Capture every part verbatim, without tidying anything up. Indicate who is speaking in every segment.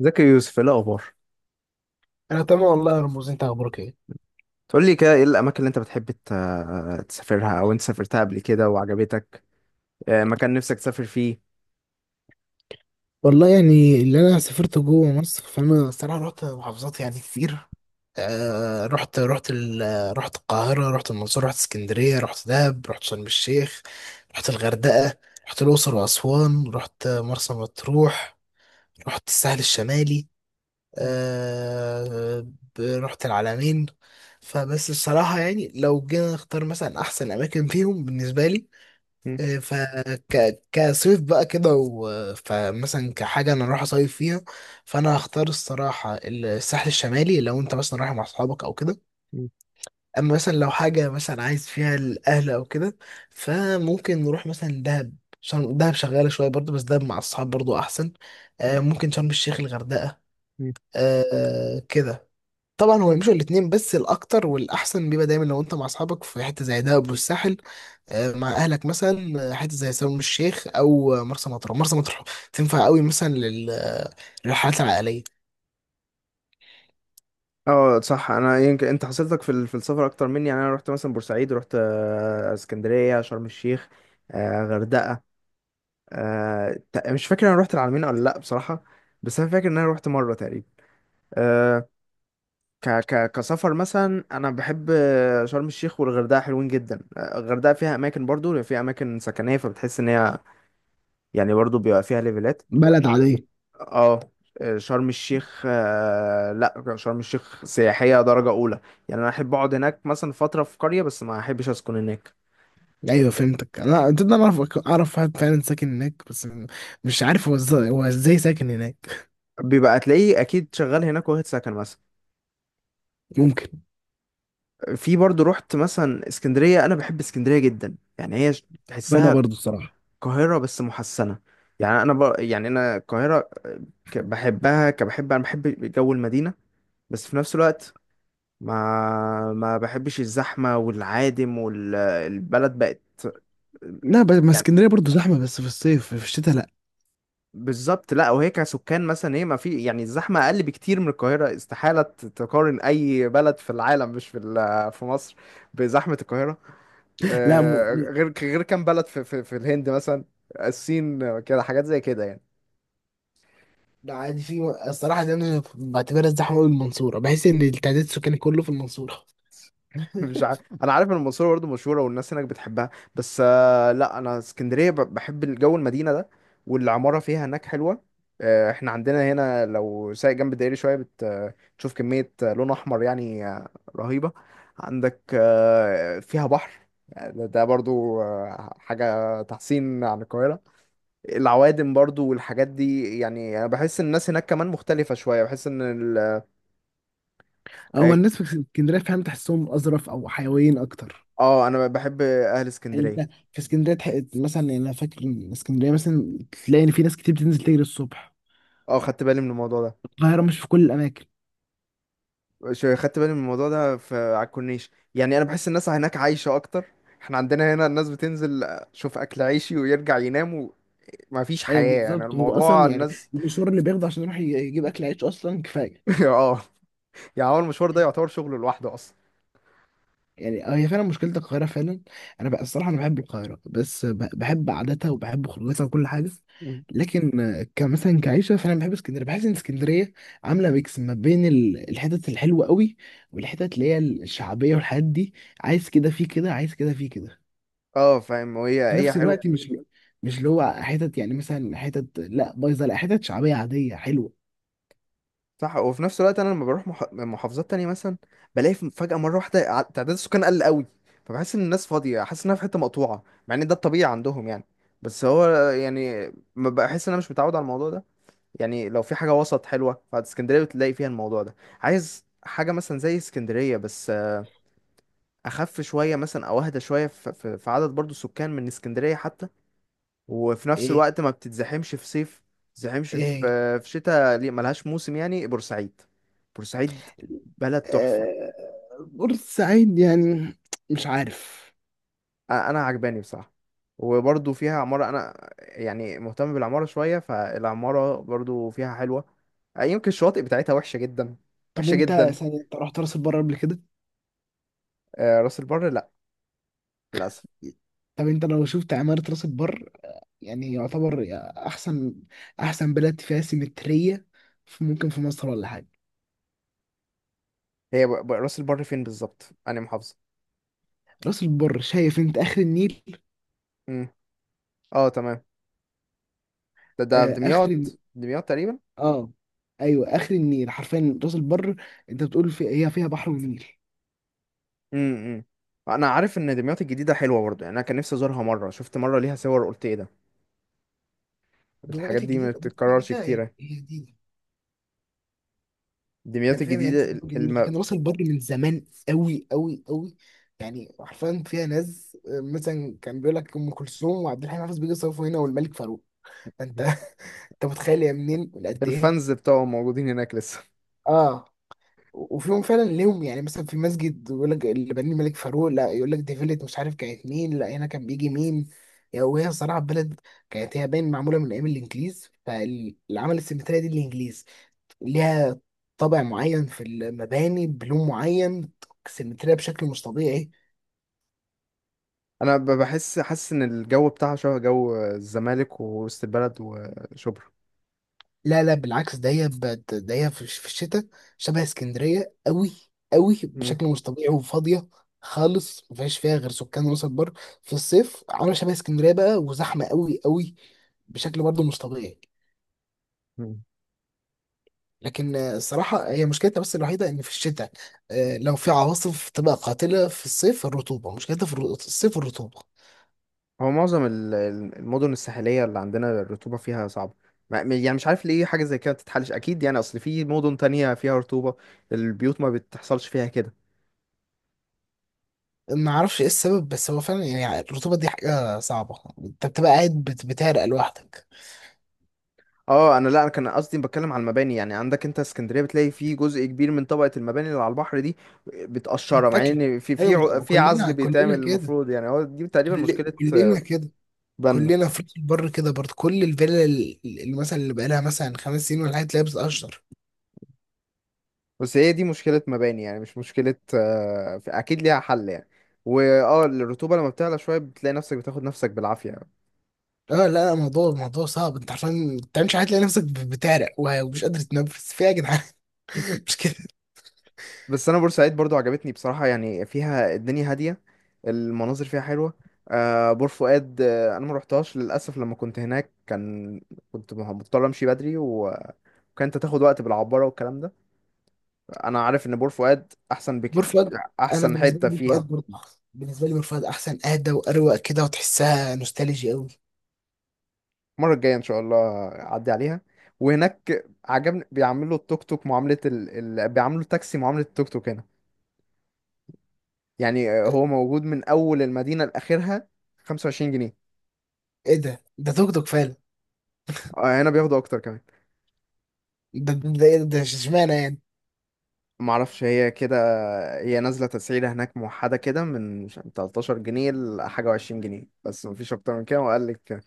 Speaker 1: زكي يوسف، إيه الاخبار؟
Speaker 2: انا تمام والله يا رموز، انت اخبارك ايه؟
Speaker 1: تقول لي كده، ايه الاماكن اللي انت بتحب ت- تسافرها او انت سافرتها قبل كده وعجبتك؟ آه، مكان نفسك تسافر فيه.
Speaker 2: والله يعني اللي انا سافرت جوه مصر فانا الصراحه رحت محافظات يعني كتير. آه، رحت رحت ال- رحت القاهره، رحت المنصوره، رحت اسكندريه، رحت دهب، رحت شرم الشيخ، رحت الغردقه، رحت الاقصر واسوان، رحت مرسى مطروح، رحت الساحل الشمالي.
Speaker 1: مم،
Speaker 2: آه، ب- رحت العلمين. فبس الصراحه يعني لو جينا نختار مثلا احسن اماكن فيهم بالنسبه لي
Speaker 1: مم،
Speaker 2: إيه، فك كصيف بقى كده و- فمثلا كحاجة أنا رايح أصيف فيها، فأنا هختار الصراحة الساحل الشمالي لو أنت مثلا رايح مع أصحابك أو كده.
Speaker 1: مم،
Speaker 2: أما مثلا لو حاجة مثلا عايز فيها الأهل أو كده فممكن نروح مثلا دهب. شرم دهب شغالة شوية برضه، بس دهب مع الصحاب برضه أحسن. آه،
Speaker 1: مم،
Speaker 2: ممكن شرم الشيخ، الغردقة.
Speaker 1: مم.
Speaker 2: آه، كده. طبعا هو يمشوا الاتنين، بس الأكتر والأحسن بيبقى دايما لو أنت مع أصحابك في حتة زي دهب والساحل. آه، مع اهلك مثلا آه، حته زي شرم الشيخ، او آه، مرسى مطروح. مرسى مطروح تنفع قوي مثلا لل- آه، للرحلات العائليه.
Speaker 1: اه، صح. انا يمكن انت حصلتك في ال- في السفر اكتر مني. يعني انا رحت مثلا بورسعيد، رحت آه، اسكندريه، شرم الشيخ، آه، غردقه. آه، ت- مش فاكر انا رحت العلمين ولا لا بصراحه، بس انا فاكر ان انا رحت مره تقريبا. آه، ك ك كسفر مثلا انا بحب شرم الشيخ والغردقه، حلوين جدا. الغردقه فيها اماكن، برضو فيها اماكن سكنيه، فبتحس ان هي يعني برضو بيبقى فيها ليفلات.
Speaker 2: بلد عادية.
Speaker 1: اه، شرم الشيخ، آه، لا، شرم الشيخ سياحيه درجه اولى. يعني انا احب اقعد هناك مثلا فتره في قريه، بس ما احبش اسكن هناك.
Speaker 2: ايوه فهمتك. انا انت أنا اعرف اعرف واحد فعلا ساكن هناك، بس م- مش عارف هو ازاي هو ازاي ساكن هناك.
Speaker 1: بيبقى تلاقيه اكيد شغال هناك واخد سكن مثلا.
Speaker 2: ممكن.
Speaker 1: في برضو رحت مثلا اسكندريه، انا بحب اسكندريه جدا. يعني هي ش-
Speaker 2: وانا
Speaker 1: تحسها
Speaker 2: برضو الصراحة.
Speaker 1: القاهرة بس محسنة. يعني أنا ب... يعني أنا القاهرة ك- بحبها، كبحب، أنا بحب جو المدينة، بس في نفس الوقت ما ما بحبش الزحمة والعادم والبلد بقت
Speaker 2: لا، ب- ما
Speaker 1: يعني.
Speaker 2: اسكندرية برضو زحمة، بس في الصيف، في الشتاء لا.
Speaker 1: بالظبط. لا، وهي كسكان مثلا هي ما في يعني الزحمة أقل بكتير من القاهرة. استحالة ت- تقارن أي بلد في العالم مش في ال- في مصر بزحمة القاهرة.
Speaker 2: لا، م...
Speaker 1: آه،
Speaker 2: م-
Speaker 1: غير غير كام بلد في في, في الهند مثلا، الصين، كده، حاجات زي كده يعني.
Speaker 2: لا، عادي. في الصراحه دي انا بعتبرها الزحمه قوي المنصوره، بحس ان التعداد السكاني كله في المنصوره.
Speaker 1: مش عارف، انا عارف ان المنصوره برضه مشهوره والناس هناك بتحبها، بس آه، لا، انا اسكندريه ب- بحب الجو المدينه ده، والعماره فيها هناك حلوه. آه، احنا عندنا هنا لو سايق جنب الدائري شويه بت- آه، بتشوف كميه آه، لون احمر يعني آه، رهيبه. عندك آه، فيها بحر، يعني ده ده برضو آه، حاجة تحسين عن القاهرة. العوادم برضو والحاجات دي. يعني أنا بحس إن الناس هناك كمان مختلفة شوية، بحس إن ال...
Speaker 2: هو الناس في اسكندرية، فاهم، تحسهم أظرف أو حيويين أكتر.
Speaker 1: اه، أنا بحب أهل
Speaker 2: يعني
Speaker 1: اسكندرية.
Speaker 2: انت في اسكندريه تح- مثلا، يعني انا فاكر ان اسكندريه مثلا تلاقي ان في ناس كتير بتنزل تجري الصبح.
Speaker 1: اه، خدت بالي من الموضوع ده.
Speaker 2: القاهره مش في كل الاماكن.
Speaker 1: شو- خدت بالي من الموضوع ده في على الكورنيش. يعني انا بحس الناس هناك عايشه اكتر. احنا عندنا هنا الناس بتنزل شوف اكل عيشي ويرجع ينام، وما فيش
Speaker 2: ايوه
Speaker 1: حياه يعني،
Speaker 2: بالظبط، هو
Speaker 1: الموضوع
Speaker 2: اصلا يعني
Speaker 1: الناس.
Speaker 2: المشوار اللي بياخده عشان يروح ي- يجيب اكل عيش اصلا كفايه.
Speaker 1: اه، يعني هو المشوار ده يعتبر شغل لوحده اصلا.
Speaker 2: يعني هي فعلا مشكله القاهره فعلا. انا بقى الصراحه انا بحب القاهره، بس ب- بحب عاداتها وبحب خروجاتها وكل حاجه.
Speaker 1: مم.
Speaker 2: لكن آه، كمثلا كعيشه فانا بحب اسكندريه، بحس ان اسكندريه عامله ميكس ما بين ال- الحتت الحلوه قوي، والحتت اللي هي الشعبيه والحاجات دي. عايز كده في كده، عايز كده في كده.
Speaker 1: اه فاهم، وهي
Speaker 2: في
Speaker 1: هي
Speaker 2: نفس
Speaker 1: حلوه.
Speaker 2: الوقت مش مش اللي هو حتت، يعني مثلا حتت لا بايظه، لا حتت شعبيه عاديه حلوه.
Speaker 1: صح، وفي نفس الوقت انا لما بروح مح... محافظات تانية مثلا، بلاقي ف- فجاه مره واحده ع- تعداد السكان قل قوي، فبحس ان الناس فاضيه، حاسس انها في حته مقطوعه مع ان ده الطبيعي عندهم يعني. بس هو يعني ما بحس، ان انا مش متعود على الموضوع ده. يعني لو في حاجة وسط حلوة، فاسكندرية بتلاقي فيها الموضوع ده. عايز حاجة مثلا زي اسكندرية بس آه، أخف شوية مثلا، أو أهدى شوية، ف- ف- في عدد برضو سكان من اسكندرية حتى، وفي نفس
Speaker 2: ايه،
Speaker 1: الوقت ما بتتزحمش في صيف، بتتزحمش في
Speaker 2: ايه،
Speaker 1: آه، في شتاء ليه، ملهاش موسم، يعني بورسعيد. بورسعيد بلد تحفة.
Speaker 2: آه، بورسعيد يعني مش عارف.
Speaker 1: أ- أنا عجباني بصراحة، وبرضو فيها عمارة. أنا يعني مهتم بالعمارة شوية، فالعمارة برضو فيها حلوة. آه، يمكن الشواطئ بتاعتها وحشة جدا،
Speaker 2: طب
Speaker 1: وحشة
Speaker 2: انت
Speaker 1: جدا.
Speaker 2: سنة انت رحت راس البر قبل كده؟
Speaker 1: آه، راس البر للأسف.
Speaker 2: طب انت لو شفت عمارة راس البر، يعني يعتبر احسن احسن بلد فيها سيمترية في- ممكن في مصر ولا حاجة.
Speaker 1: هي ب... ب... راس البر فين بالظبط؟ أنا محافظة.
Speaker 2: راس البر، شايف، انت اخر النيل.
Speaker 1: امم اه تمام. ده ده في
Speaker 2: آه اخر الن-
Speaker 1: دمياط، دمياط تقريبا.
Speaker 2: اه، ايوه، اخر النيل حرفيا راس البر. انت بتقول، في هي فيها بحر ونيل.
Speaker 1: امم أنا عارف إن دمياط الجديدة حلوة برضه. يعني أنا كان نفسي أزورها مرة، شفت مرة ليها صور، قلت إيه ده؟ الحاجات
Speaker 2: دلوقتي
Speaker 1: دي ما
Speaker 2: الجديد دلوقتي
Speaker 1: بتتكررش
Speaker 2: الجديدة
Speaker 1: كتير
Speaker 2: يعني
Speaker 1: يعني.
Speaker 2: هي جديدة،
Speaker 1: دمياط
Speaker 2: يعني فاهم هي لسه
Speaker 1: الجديدة ال-
Speaker 2: جديد،
Speaker 1: الم...
Speaker 2: لكن راس البر من زمان قوي قوي قوي. يعني حرفيا فيها ناس آه، مثلا كان بيقول لك ام كلثوم وعبد الحليم حافظ بيجي يصرفوا هنا، والملك فاروق. فانت انت متخيل يا منين قد ايه.
Speaker 1: الفانز بتوعهم موجودين هناك لسه.
Speaker 2: اه، وفيهم فعلا ليهم، يعني مثلا في مسجد يقول لك اللي بنيه الملك فاروق، لا يقول لك دي فيلة مش عارف كانت مين، لا هنا كان بيجي مين. يعني وهي صراحة بلد كانت، هي باين معمولة من أيام الإنجليز، فالعمل السيمترية دي الإنجليز، ليها طابع معين في المباني، بلون معين، سيمترية بشكل مش طبيعي.
Speaker 1: أنا ب- بحس، حاسس إن الجو بتاعها شبه جو الزمالك ووسط البلد وشبرا.
Speaker 2: لا لا، بالعكس، ده هي بت- ده هي في في الشتاء شبه اسكندرية قوي. قوي بشكل مش طبيعي، وفاضية خالص، مفيهاش فيها غير سكان راس البر. في الصيف عاملة شبه اسكندرية بقى، وزحمة قوي قوي، بشكل برضه مش طبيعي.
Speaker 1: امم
Speaker 2: لكن آه، الصراحة هي مشكلتها بس الوحيدة إن في الشتاء آه، لو في عواصف تبقى قاتلة. في الصيف الرطوبة، مشكلتها في الر- الصيف الرطوبة.
Speaker 1: هو معظم ال- ال- المدن الساحلية اللي عندنا الرطوبة فيها صعبة. ما- م- يعني مش عارف ليه حاجة زي كده بتتحلش أكيد يعني، أصل في مدن تانية فيها رطوبة، البيوت ما بتحصلش فيها كده.
Speaker 2: ما اعرفش ايه السبب، بس هو فعلا يعني الرطوبه دي حاجه صعبه، انت بتبقى قاعد بت- بتعرق لوحدك.
Speaker 1: اه، أنا لا، أنا كان قصدي بتكلم على المباني. يعني عندك أنت اسكندرية بتلاقي في جزء كبير من طبقة المباني اللي على البحر دي بتقشرها، مع
Speaker 2: بتاكل.
Speaker 1: إن في في
Speaker 2: ايوه،
Speaker 1: ع-
Speaker 2: مت-
Speaker 1: في عزل
Speaker 2: كلنا
Speaker 1: بيتعمل
Speaker 2: كلنا كده.
Speaker 1: المفروض. يعني هو دي تقريبا
Speaker 2: كل-
Speaker 1: مشكلة
Speaker 2: كلنا
Speaker 1: آه،
Speaker 2: كده.
Speaker 1: بنا.
Speaker 2: كلنا في راس البر كده برضه، كل الفيلا ال- اللي مثلا اللي بقالها مثلا خمس سنين ولا حاجه تلاقيها بتقشر.
Speaker 1: بس هي دي مشكلة مباني يعني، مش مشكلة آه، أكيد ليها حل يعني. واه، الرطوبة لما بتعلى شوية بتلاقي نفسك بتاخد نفسك بالعافية يعني.
Speaker 2: اه لا لا، الموضوع الموضوع صعب، انت عشان ما تعملش حاجه تلاقي نفسك ب- بتعرق، وه- ومش قادر تتنفس في إيه يا جدعان؟ مش كده.
Speaker 1: بس انا بورسعيد برضو عجبتني بصراحة. يعني فيها الدنيا هادية، المناظر فيها حلوة. آه، بور فؤاد، آه انا ما روحتهاش للاسف. لما كنت هناك كان كنت مه- مضطر امشي بدري، وكانت تاخد وقت بالعبارة والكلام ده. انا عارف ان بور فؤاد احسن
Speaker 2: بور
Speaker 1: بكتير،
Speaker 2: فؤاد، انا
Speaker 1: احسن
Speaker 2: بالنسبه لي
Speaker 1: حتة
Speaker 2: بور
Speaker 1: فيها.
Speaker 2: فؤاد برضه أحسن. بالنسبه لي بور فؤاد احسن، اهدى واروق كده، وتحسها نوستالجي قوي.
Speaker 1: المرة الجاية ان شاء الله اعدي عليها. وهناك عجبني بيعملوا التوك توك معاملة ال... ال... بيعملوا التاكسي معاملة التوك توك هنا. يعني آه، هو موجود من اول المدينة لاخرها، خمسة وعشرين جنيه.
Speaker 2: ايه ده ده توك توك فعلا؟
Speaker 1: آه، هنا بياخدوا اكتر كمان.
Speaker 2: ده ده ايه، ده ده اشمعنى يعني؟
Speaker 1: معرفش، هي كده، هي نازلة تسعيرة هناك موحدة كده من مش- تلتاشر جنيه لحاجة، وعشرين جنيه، بس مفيش أكتر من كده، وقال لك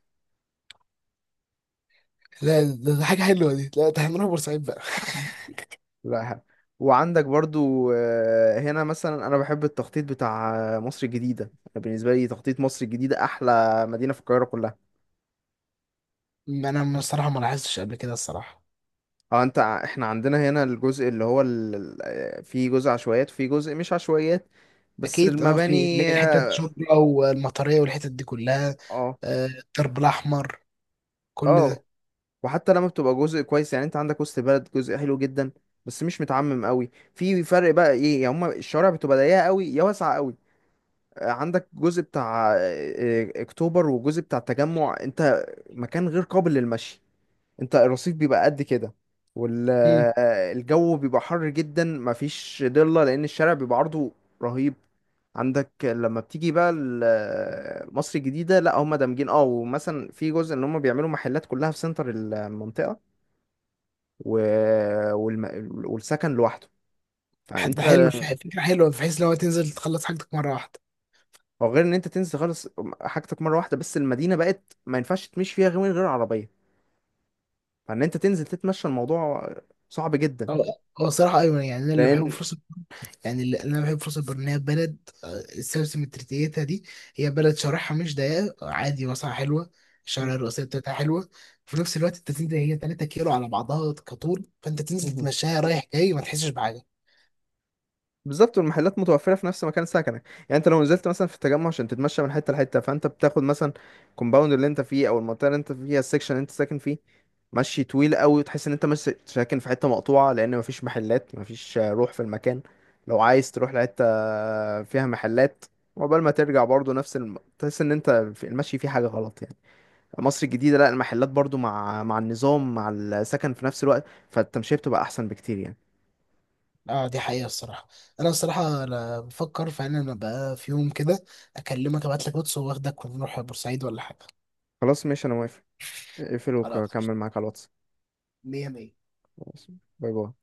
Speaker 2: لا، ده, ده حاجة حلوة دي، لا ده هنروح بورسعيد بقى.
Speaker 1: لا حق. وعندك برضو، آه، هنا مثلا أنا بحب التخطيط بتاع آه، مصر الجديدة. بالنسبة لي تخطيط مصر الجديدة أحلى مدينة في القاهرة كلها.
Speaker 2: ما انا الصراحة ما لاحظتش قبل كده الصراحة.
Speaker 1: اه، انت ع- احنا عندنا هنا الجزء اللي هو ال... ال- آه، في جزء عشوائيات وفي جزء مش عشوائيات، بس
Speaker 2: اكيد اه، في اللي
Speaker 1: المباني
Speaker 2: هي الحتة
Speaker 1: اه.
Speaker 2: الشرطة والمطرية والحتت دي كلها، آه، الدرب الاحمر، كل
Speaker 1: اه،
Speaker 2: ده.
Speaker 1: وحتى لما بتبقى جزء كويس، يعني انت عندك وسط بلد جزء حلو جدا، بس مش متعمم قوي. في فرق بقى ايه يا هما: الشوارع بتبقى ضيقه قوي يا واسعه قوي. آه، عندك جزء بتاع آه، آه، اكتوبر وجزء بتاع التجمع، انت مكان غير قابل للمشي. انت الرصيف بيبقى قد كده،
Speaker 2: امم.
Speaker 1: والجو بيبقى حر جدا، مفيش ضله لان الشارع بيبقى عرضه رهيب. عندك لما بتيجي بقى ال- آه، مصر الجديدة، لا، هم دامجين اه، ومثلا في جزء ان هم بيعملوا محلات كلها في سنتر المنطقة و... والم... والسكن لوحده.
Speaker 2: حتى
Speaker 1: فانت،
Speaker 2: حلو، ف- فكرة حلوة بحيث لو تنزل تخلص حاجتك مرة واحدة.
Speaker 1: او غير ان انت تنزل خالص حاجتك مره واحده، بس المدينه بقت ما ينفعش تمشي فيها غير من غير عربيه. فان انت تنزل تتمشى، الموضوع صعب جدا
Speaker 2: هو هو الصراحة ايوه، يعني انا اللي بحبه
Speaker 1: لان
Speaker 2: في، يعني اللي انا بحب فرصه البر ان هي بلد آه، السلسله مترتيتها دي، هي بلد شرحها مش ضيقه، عادي واسعه حلوه. الشوارع الرئيسيه بتاعتها حلوه. في نفس الوقت انت تنزل، هي 3 كيلو على بعضها كطول، فانت تنزل تمشيها رايح جاي ما تحسش بحاجه.
Speaker 1: بالظبط. والمحلات متوفرة في نفس مكان سكنك. يعني انت لو نزلت مثلا في التجمع عشان تتمشى من حتة لحتة، فانت بتاخد مثلا الكومباوند اللي انت فيه او المنطقة اللي انت فيها، السكشن اللي انت ساكن فيه مشي طويل قوي، وتحس ان انت مش ساكن في حتة مقطوعة، لان مفيش محلات، مفيش روح في المكان. لو عايز تروح لحتة فيها محلات، وقبل ما ترجع برضو نفس الم... تحس ان انت في المشي فيه حاجة غلط يعني. مصر الجديدة لا، المحلات برضو مع مع النظام مع السكن في نفس الوقت، فالتمشية بتبقى احسن بكتير يعني.
Speaker 2: اه دي حقيقه الصراحه. انا الصراحه انا بفكر فعلا، انا بقى في يوم كده اكلمك، ابعت لك واتس واخدك ونروح بورسعيد ولا حاجه.
Speaker 1: خلاص ماشي، انا موافق. اقفل
Speaker 2: خلاص،
Speaker 1: وكمل معاك على الواتس.
Speaker 2: مية مية.
Speaker 1: خلاص. باي باي.